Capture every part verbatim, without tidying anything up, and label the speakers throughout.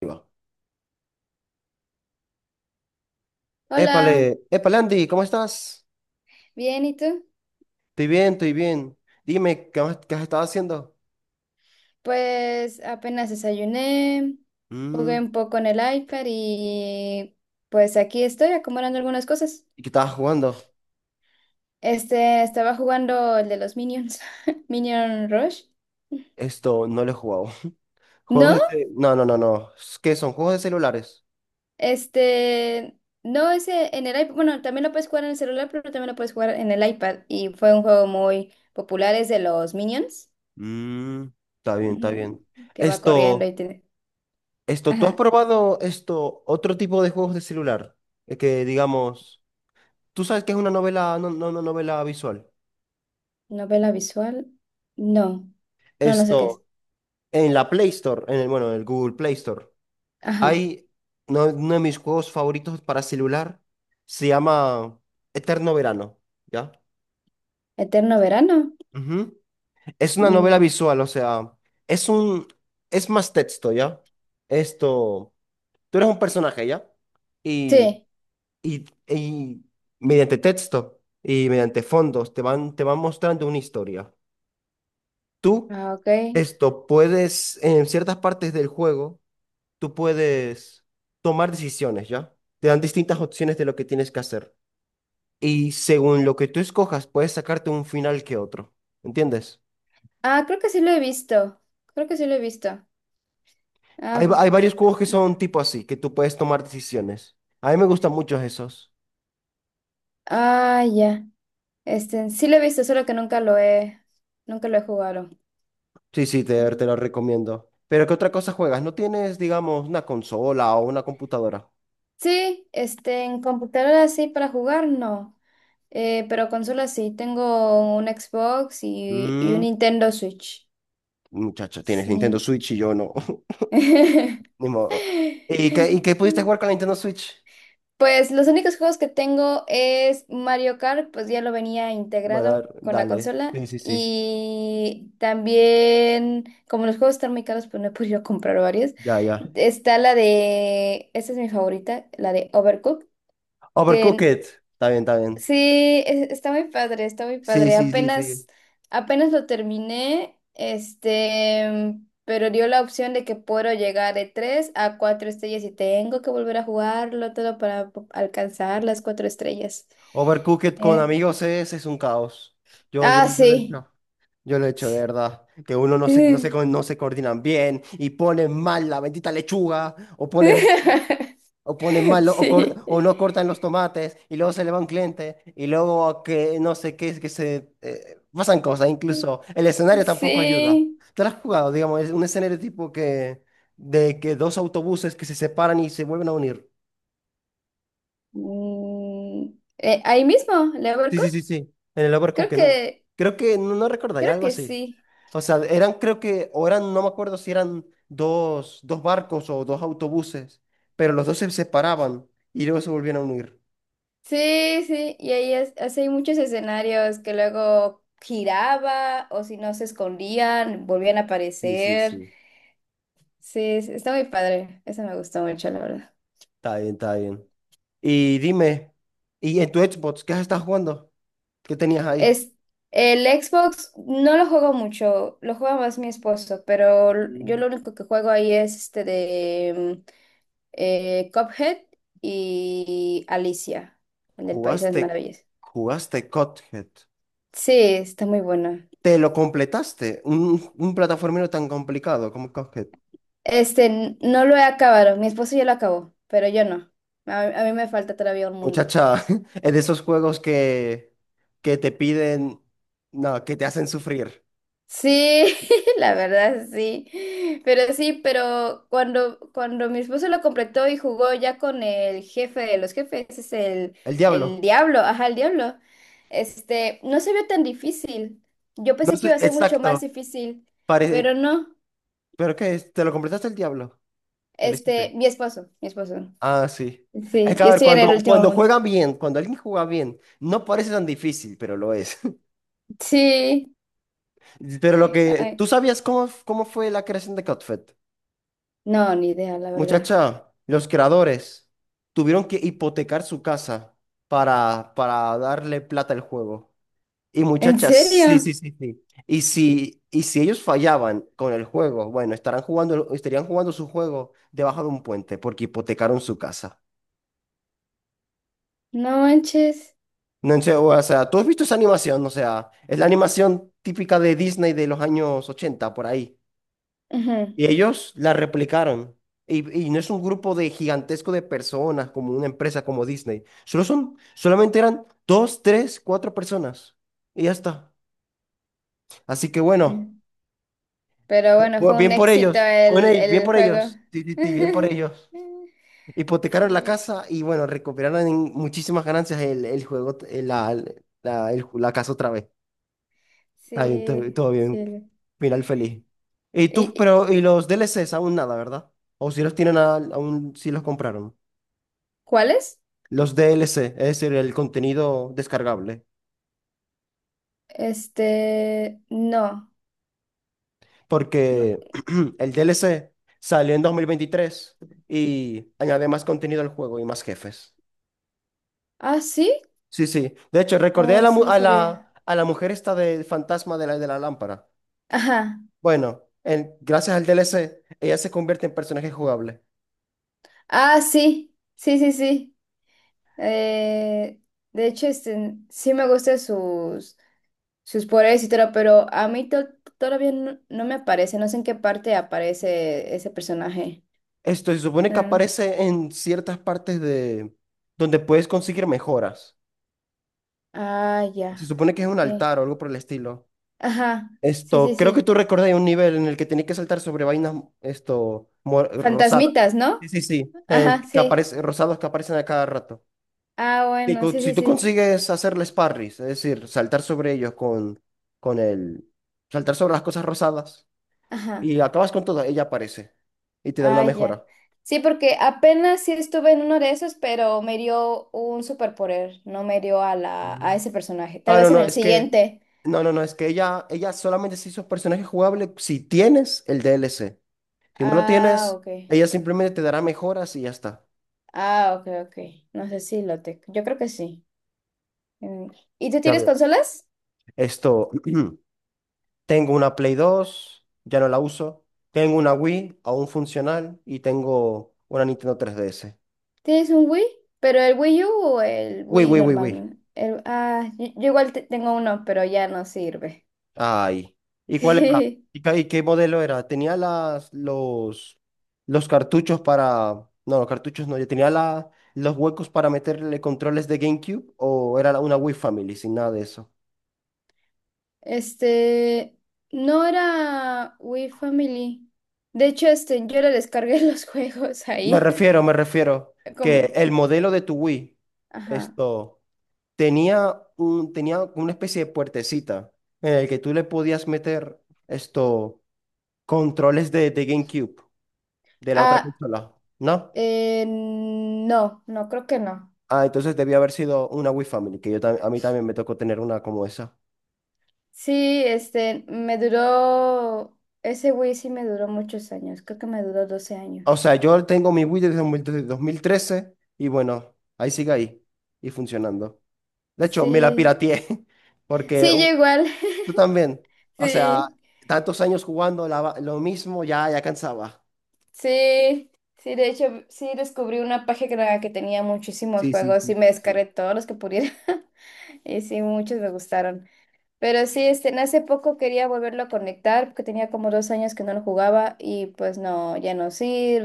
Speaker 1: Ahí va.
Speaker 2: Hola,
Speaker 1: Épale, épale Andy, ¿cómo estás?
Speaker 2: bien, ¿y tú?
Speaker 1: Estoy bien, estoy bien. Dime, ¿qué has, qué has estado haciendo?
Speaker 2: Pues apenas desayuné, jugué
Speaker 1: Mm.
Speaker 2: un poco en el iPad y pues aquí estoy acomodando algunas cosas.
Speaker 1: ¿Y qué estabas jugando?
Speaker 2: Este, estaba jugando el de los Minions, Minion Rush.
Speaker 1: Esto no lo he jugado. Juegos de...
Speaker 2: No,
Speaker 1: ce- No, no, no, no. ¿Qué son? ¿Juegos de celulares?
Speaker 2: este, no, ese en el iPad, bueno, también lo puedes jugar en el celular, pero también lo puedes jugar en el iPad y fue un juego muy popular, es de los Minions,
Speaker 1: Mm, está bien, está
Speaker 2: ujú,
Speaker 1: bien.
Speaker 2: que va corriendo
Speaker 1: Esto,
Speaker 2: y tiene,
Speaker 1: esto, ¿tú has
Speaker 2: ajá,
Speaker 1: probado esto, otro tipo de juegos de celular? Eh, Que digamos, tú sabes que es una novela, no, no, una novela visual.
Speaker 2: novela visual, no, no, no sé qué es.
Speaker 1: Esto, en la Play Store, en el, bueno, en el Google Play Store.
Speaker 2: Ajá.
Speaker 1: Hay uno, uno de mis juegos favoritos para celular, se llama Eterno Verano, ¿ya?
Speaker 2: ¿Eterno verano?
Speaker 1: Ujú. Es una novela
Speaker 2: Mm,
Speaker 1: visual, o sea, es un, es más texto, ¿ya? Esto, tú eres un personaje, ¿ya? Y,
Speaker 2: sí.
Speaker 1: y, y mediante texto y mediante fondos te van, te van mostrando una historia. Tú,
Speaker 2: Ah, ok.
Speaker 1: esto, puedes, en ciertas partes del juego, tú puedes tomar decisiones, ¿ya? Te dan distintas opciones de lo que tienes que hacer. Y según lo que tú escojas, puedes sacarte un final que otro. ¿Entiendes?
Speaker 2: Ah, creo que sí lo he visto. Creo que sí lo he visto. Ah,
Speaker 1: Hay,
Speaker 2: p-
Speaker 1: va- hay varios juegos que son tipo así, que tú puedes tomar decisiones. A mí me gustan mucho esos.
Speaker 2: ah, ya. Este, sí lo he visto, solo que nunca lo he, nunca lo he jugado.
Speaker 1: Sí, sí, te, te
Speaker 2: Mm.
Speaker 1: los recomiendo. Pero ¿qué otra cosa juegas? ¿No tienes, digamos, una consola o una computadora?
Speaker 2: Sí, este, en computadora sí para jugar, no. Eh, pero consola sí. Tengo un Xbox y, y un
Speaker 1: Mm,
Speaker 2: Nintendo Switch.
Speaker 1: muchacho, tienes Nintendo
Speaker 2: Sí.
Speaker 1: Switch y yo no. Ni modo. ¿Y qué, y qué pudiste jugar con la Nintendo Switch?
Speaker 2: Pues los únicos juegos que tengo es Mario Kart, pues ya lo venía
Speaker 1: Bueno, a
Speaker 2: integrado
Speaker 1: ver,
Speaker 2: con la
Speaker 1: dale.
Speaker 2: consola.
Speaker 1: Sí, sí, sí.
Speaker 2: Y también, como los juegos están muy caros, pues no he podido comprar varios.
Speaker 1: Ya, ya.
Speaker 2: Está la de, esta es mi favorita, la de Overcooked, que
Speaker 1: Overcooked. Está bien, está bien.
Speaker 2: sí, e- está muy padre, está muy
Speaker 1: Sí,
Speaker 2: padre.
Speaker 1: sí, sí,
Speaker 2: Apenas,
Speaker 1: sí.
Speaker 2: apenas lo terminé, este, pero dio la opción de que puedo llegar de tres a cuatro estrellas y tengo que volver a jugarlo todo para po- alcanzar las cuatro estrellas.
Speaker 1: Overcooked con
Speaker 2: Eh,
Speaker 1: amigos es, es un caos. Yo, yo,
Speaker 2: ah,
Speaker 1: yo lo he
Speaker 2: sí.
Speaker 1: hecho. Yo lo he hecho de verdad. Que uno no se, no se, co- no se coordinan bien y ponen mal la bendita lechuga o ponen, o ponen mal lo- o,
Speaker 2: Sí,
Speaker 1: cort- o no cortan los tomates y luego se le va un cliente y luego que no sé qué es que se eh, pasan cosas. Incluso el escenario tampoco ayuda.
Speaker 2: sí.
Speaker 1: ¿Te lo has jugado? Digamos, es un escenario tipo que de que dos autobuses que se separan y se vuelven a unir.
Speaker 2: Mm, eh, ahí mismo,
Speaker 1: Sí,
Speaker 2: Leverkusen.
Speaker 1: sí, sí, sí. En el
Speaker 2: Creo
Speaker 1: Overcooked. en-
Speaker 2: que,
Speaker 1: Creo que no, no recordaría
Speaker 2: Creo
Speaker 1: algo
Speaker 2: que
Speaker 1: así.
Speaker 2: sí.
Speaker 1: O sea, eran, creo que, o eran, no me acuerdo si eran dos, dos barcos o dos autobuses, pero los dos se separaban y luego se volvieron a unir.
Speaker 2: Sí, sí, y ahí es, así hay muchos escenarios que luego giraba o si no se escondían, volvían a
Speaker 1: Sí, sí,
Speaker 2: aparecer.
Speaker 1: sí.
Speaker 2: Sí, sí, está muy padre. Eso me gustó mucho, la verdad.
Speaker 1: Está bien, está bien. Y dime, ¿y en tu Xbox qué has estado jugando? ¿Qué tenías ahí?
Speaker 2: Es, el Xbox no lo juego mucho, lo juega más mi esposo, pero l- yo
Speaker 1: Mm.
Speaker 2: lo único que juego ahí es este de mm, eh, Cuphead y Alicia, el del País de las
Speaker 1: Jugaste,
Speaker 2: Maravillas.
Speaker 1: jugaste Cuphead.
Speaker 2: Sí, está muy bueno.
Speaker 1: ¿Te lo completaste? Un, un plataformero tan complicado como Cuphead.
Speaker 2: Este, n- no lo he acabado. Mi esposo ya lo acabó, pero yo no. A, a mí me falta todavía un mundo.
Speaker 1: Muchacha, en esos juegos que, que te piden, no, que te hacen sufrir.
Speaker 2: Sí, la verdad sí. Pero sí, pero cuando, cuando mi esposo lo completó y jugó ya con el jefe de los jefes, ese es el,
Speaker 1: El
Speaker 2: el
Speaker 1: diablo.
Speaker 2: diablo, ajá, el diablo. Este, no se vio tan difícil. Yo
Speaker 1: No
Speaker 2: pensé que
Speaker 1: sé,
Speaker 2: iba a ser mucho más
Speaker 1: exacto.
Speaker 2: difícil,
Speaker 1: Pare-
Speaker 2: pero no.
Speaker 1: pero que es- te lo completaste el diablo. Te lo hiciste.
Speaker 2: Este, mi esposo, mi esposo.
Speaker 1: Ah, sí. Es
Speaker 2: Sí,
Speaker 1: que
Speaker 2: yo
Speaker 1: a ver,
Speaker 2: estoy en el
Speaker 1: cuando,
Speaker 2: último
Speaker 1: cuando
Speaker 2: mundo.
Speaker 1: juega bien, cuando alguien juega bien, no parece tan difícil, pero lo es.
Speaker 2: Sí.
Speaker 1: Pero lo que,
Speaker 2: Ay,
Speaker 1: ¿tú sabías cómo, cómo fue la creación de Codfed?
Speaker 2: no, ni idea, la verdad.
Speaker 1: Muchacha, los creadores tuvieron que hipotecar su casa para, para darle plata al juego. Y
Speaker 2: ¿En
Speaker 1: muchachas, sí,
Speaker 2: serio?
Speaker 1: sí, sí, sí. Y si, y si ellos fallaban con el juego, bueno, estarán jugando, estarían jugando su juego debajo de un puente porque hipotecaron su casa.
Speaker 2: No manches.
Speaker 1: No sé, o sea, ¿tú has visto esa animación? O sea, es la animación típica de Disney de los años ochenta por ahí.
Speaker 2: Ujú.
Speaker 1: Y ellos la replicaron. Y, y no es un grupo de gigantesco de personas como una empresa como Disney. Solo son, solamente eran dos, tres, cuatro personas. Y ya está. Así que bueno.
Speaker 2: Sí. Pero bueno,
Speaker 1: Bu-
Speaker 2: fue un
Speaker 1: Bien por
Speaker 2: éxito
Speaker 1: ellos, bueno,
Speaker 2: el,
Speaker 1: y bien
Speaker 2: el
Speaker 1: por
Speaker 2: juego.
Speaker 1: ellos, sí, sí, sí, bien por ellos. Hipotecaron la
Speaker 2: Sí,
Speaker 1: casa y bueno, recuperaron en muchísimas ganancias el, el juego, el- la, la, el la casa otra vez. Está bien, todo,
Speaker 2: sí,
Speaker 1: todo bien.
Speaker 2: sí.
Speaker 1: Final feliz. Y
Speaker 2: ¿Y,
Speaker 1: tú,
Speaker 2: y-
Speaker 1: pero, y los D L Cs aún nada, ¿verdad? O si los tienen a- aún, si los compraron.
Speaker 2: cuáles?
Speaker 1: Los D L C, es decir, el contenido descargable.
Speaker 2: Este, no, no.
Speaker 1: Porque el D L C salió en dos mil veintitrés y añade más contenido al juego y más jefes.
Speaker 2: Ah, sí.
Speaker 1: Sí, sí. De hecho, recordé a
Speaker 2: Oh,
Speaker 1: la,
Speaker 2: eso
Speaker 1: mu-
Speaker 2: no
Speaker 1: a
Speaker 2: sabía.
Speaker 1: la, a la mujer esta del fantasma de la, de la lámpara.
Speaker 2: Ajá.
Speaker 1: Bueno, en- gracias al D L C, ella se convierte en personaje jugable.
Speaker 2: Ah, sí. Sí, sí, sí. Eh, de hecho, este, sí me gustan sus sus poderes y todo, pero a mí to- todavía no, no me aparece, no sé en qué parte aparece ese personaje.
Speaker 1: Esto se supone que
Speaker 2: Mm,
Speaker 1: aparece en ciertas partes de donde puedes conseguir mejoras.
Speaker 2: ah,
Speaker 1: Se
Speaker 2: ya.
Speaker 1: supone que es un
Speaker 2: eh,
Speaker 1: altar o algo por el estilo.
Speaker 2: Ajá, sí, sí,
Speaker 1: Esto, creo que tú
Speaker 2: sí.
Speaker 1: recordás un nivel en el que tenés que saltar sobre vainas, esto, mo- rosadas.
Speaker 2: Fantasmitas, ¿no?
Speaker 1: Sí, sí, sí. El
Speaker 2: Ajá,
Speaker 1: que
Speaker 2: sí.
Speaker 1: aparece, rosados que aparecen a cada rato.
Speaker 2: Ah,
Speaker 1: Y
Speaker 2: bueno,
Speaker 1: co-
Speaker 2: sí,
Speaker 1: si
Speaker 2: sí,
Speaker 1: tú
Speaker 2: sí.
Speaker 1: consigues hacerles parries, es decir, saltar sobre ellos con, con el... Saltar sobre las cosas rosadas
Speaker 2: Ajá.
Speaker 1: y acabas con todas, ella aparece y te da una
Speaker 2: Ah, ya.
Speaker 1: mejora.
Speaker 2: Sí, porque apenas sí estuve en uno de esos, pero me dio un superpoder, no me dio a la, a
Speaker 1: Mm.
Speaker 2: ese personaje. Tal
Speaker 1: Ah, no,
Speaker 2: vez en
Speaker 1: no,
Speaker 2: el
Speaker 1: es que...
Speaker 2: siguiente.
Speaker 1: No, no, no, es que ella, ella solamente se hizo personaje jugable si tienes el D L C. Si no lo
Speaker 2: Ah,
Speaker 1: tienes,
Speaker 2: ok.
Speaker 1: ella simplemente te dará mejoras y ya está.
Speaker 2: Ah, ok, ok. No sé si lo tengo. Yo creo que sí. Mm, ¿y tú
Speaker 1: Ya
Speaker 2: tienes
Speaker 1: veo.
Speaker 2: consolas?
Speaker 1: Esto, tengo una Play dos, ya no la uso. Tengo una Wii, aún funcional, y tengo una Nintendo tres D S.
Speaker 2: ¿Tienes un Wii? ¿Pero el Wii U o el
Speaker 1: Uy,
Speaker 2: Wii
Speaker 1: uy, uy,
Speaker 2: normal?
Speaker 1: uy.
Speaker 2: ¿No? El, ah, yo, yo igual te- tengo uno, pero ya no sirve.
Speaker 1: Ay. ¿Y cuál era? ¿Y ca- y qué, modelo era? Tenía las, los, los cartuchos para... No, los cartuchos no. Yo tenía la, los huecos para meterle controles de GameCube o era la- una Wii Family sin nada de eso.
Speaker 2: Este, no era Wii Family. De hecho, este, yo le descargué los juegos
Speaker 1: Me
Speaker 2: ahí.
Speaker 1: refiero, me refiero que
Speaker 2: Como,
Speaker 1: el modelo de tu Wii,
Speaker 2: ajá.
Speaker 1: esto, tenía un, tenía una especie de puertecita en el que tú le podías meter esto, controles de, de GameCube, de la otra
Speaker 2: Ah,
Speaker 1: consola, ¿no?
Speaker 2: eh, no, no, creo que no.
Speaker 1: Ah, entonces debió haber sido una Wii Family, que yo tam- a mí también me tocó tener una como esa.
Speaker 2: Sí, este, me duró, ese Wii sí me duró muchos años. Creo que me duró doce
Speaker 1: O sea,
Speaker 2: años.
Speaker 1: yo tengo mi Wii desde mil- desde dos mil trece y bueno, ahí sigue ahí y funcionando. De hecho, me la
Speaker 2: Sí.
Speaker 1: pirateé porque
Speaker 2: Sí, yo
Speaker 1: uh,
Speaker 2: igual.
Speaker 1: tú también. O sea,
Speaker 2: Sí,
Speaker 1: tantos años jugando la va- lo mismo ya, ya cansaba.
Speaker 2: sí, sí, de hecho, sí descubrí una página que tenía muchísimos
Speaker 1: Sí, sí,
Speaker 2: juegos
Speaker 1: sí,
Speaker 2: y me
Speaker 1: sí, sí.
Speaker 2: descargué todos los que pudiera. Y sí, muchos me gustaron. Pero sí, este, en hace poco quería volverlo a conectar porque tenía como dos años que no lo jugaba y pues no, ya no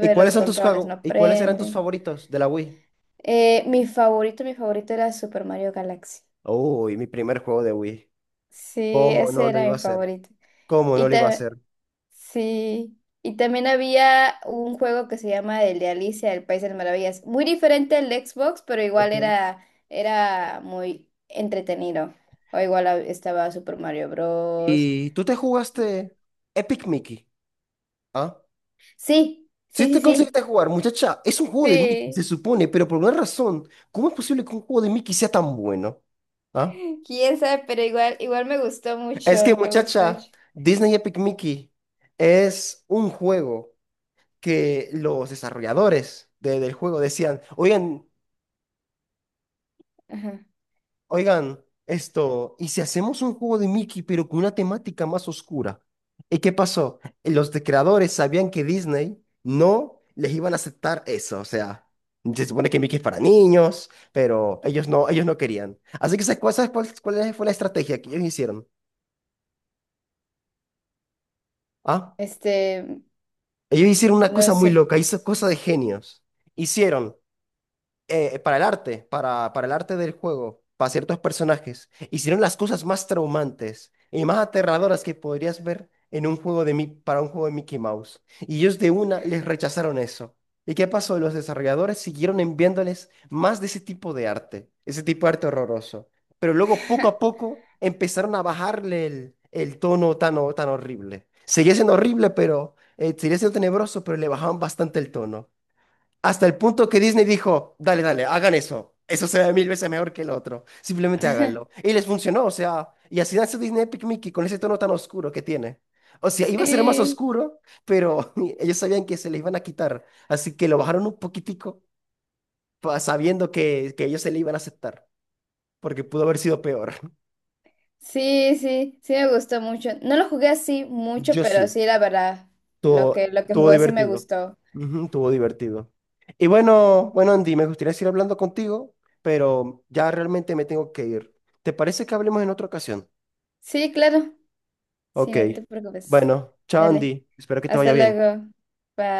Speaker 1: ¿Y
Speaker 2: los
Speaker 1: cuáles son tus
Speaker 2: controles
Speaker 1: juegos?
Speaker 2: no
Speaker 1: ¿Y cuáles eran tus
Speaker 2: prenden.
Speaker 1: favoritos de la Wii?
Speaker 2: Eh, mi favorito, mi favorito era Super Mario Galaxy.
Speaker 1: Uy, mi primer juego de Wii.
Speaker 2: Sí,
Speaker 1: ¿Cómo no
Speaker 2: ese
Speaker 1: lo
Speaker 2: era
Speaker 1: iba a
Speaker 2: mi
Speaker 1: hacer?
Speaker 2: favorito.
Speaker 1: ¿Cómo no
Speaker 2: Y,
Speaker 1: lo iba a
Speaker 2: ta-
Speaker 1: hacer?
Speaker 2: sí, y también había un juego que se llama el de Alicia, el País de las Maravillas. Muy diferente al de Xbox, pero igual
Speaker 1: Ok.
Speaker 2: era, era muy entretenido. O igual hab- estaba Super Mario Bros.
Speaker 1: Y tú te jugaste Epic Mickey, ¿ah?
Speaker 2: Sí,
Speaker 1: Si
Speaker 2: sí,
Speaker 1: te
Speaker 2: sí,
Speaker 1: conseguiste
Speaker 2: sí.
Speaker 1: jugar, muchacha, es un juego de Mickey,
Speaker 2: Sí.
Speaker 1: se supone, pero por una razón, ¿cómo es posible que un juego de Mickey sea tan bueno? ¿Ah?
Speaker 2: Quién sabe, pero igual, igual me gustó
Speaker 1: Es
Speaker 2: mucho.
Speaker 1: que,
Speaker 2: Me gustó
Speaker 1: muchacha,
Speaker 2: mucho.
Speaker 1: Disney Epic Mickey es un juego que los desarrolladores de- del juego decían, oigan,
Speaker 2: Ajá.
Speaker 1: oigan, esto, ¿y si hacemos un juego de Mickey pero con una temática más oscura? ¿Y qué pasó? Los de creadores sabían que Disney no les iban a aceptar eso, o sea, se supone que Mickey es para niños, pero ellos no, ellos no querían. Así que ¿sabes cuál, sabes cuál- cuál fue la estrategia que ellos hicieron? ¿Ah?
Speaker 2: Este,
Speaker 1: Ellos hicieron una
Speaker 2: no
Speaker 1: cosa muy
Speaker 2: sé.
Speaker 1: loca, hizo cosa de genios. Hicieron eh, para el arte, para, para el arte del juego, para ciertos personajes, hicieron las cosas más traumantes y más aterradoras que podrías ver en un juego de Mi- para un juego de Mickey Mouse. Y ellos de una les rechazaron eso. ¿Y qué pasó? Los desarrolladores siguieron enviándoles más de ese tipo de arte, ese tipo de arte horroroso. Pero luego, poco a poco, empezaron a bajarle el, el tono tan, ho- tan horrible. Seguía siendo horrible, pero eh, seguía siendo tenebroso, pero le bajaban bastante el tono. Hasta el punto que Disney dijo, dale, dale, hagan eso. Eso se ve mil veces mejor que el otro. Simplemente háganlo. Y les funcionó, o sea, y así nace Disney Epic Mickey con ese tono tan oscuro que tiene. O sea, iba a ser más
Speaker 2: Sí.
Speaker 1: oscuro, pero ellos sabían que se le iban a quitar. Así que lo bajaron un poquitico, pa- sabiendo que, que ellos se le iban a aceptar, porque pudo haber sido peor.
Speaker 2: Sí, sí, sí me gustó mucho. No lo jugué así mucho,
Speaker 1: Yo
Speaker 2: pero
Speaker 1: sí.
Speaker 2: sí, la verdad, lo
Speaker 1: Tuvo,
Speaker 2: que, lo que
Speaker 1: tuvo
Speaker 2: jugué sí me
Speaker 1: divertido.
Speaker 2: gustó.
Speaker 1: Ujú, tuvo divertido. Y bueno,
Speaker 2: Ujú.
Speaker 1: bueno, Andy, me gustaría seguir hablando contigo, pero ya realmente me tengo que ir. ¿Te parece que hablemos en otra ocasión?
Speaker 2: Sí, claro. Sí,
Speaker 1: Ok.
Speaker 2: no te preocupes.
Speaker 1: Bueno, chao,
Speaker 2: Dale,
Speaker 1: Andy. Espero que te vaya
Speaker 2: hasta
Speaker 1: bien.
Speaker 2: luego. Bye.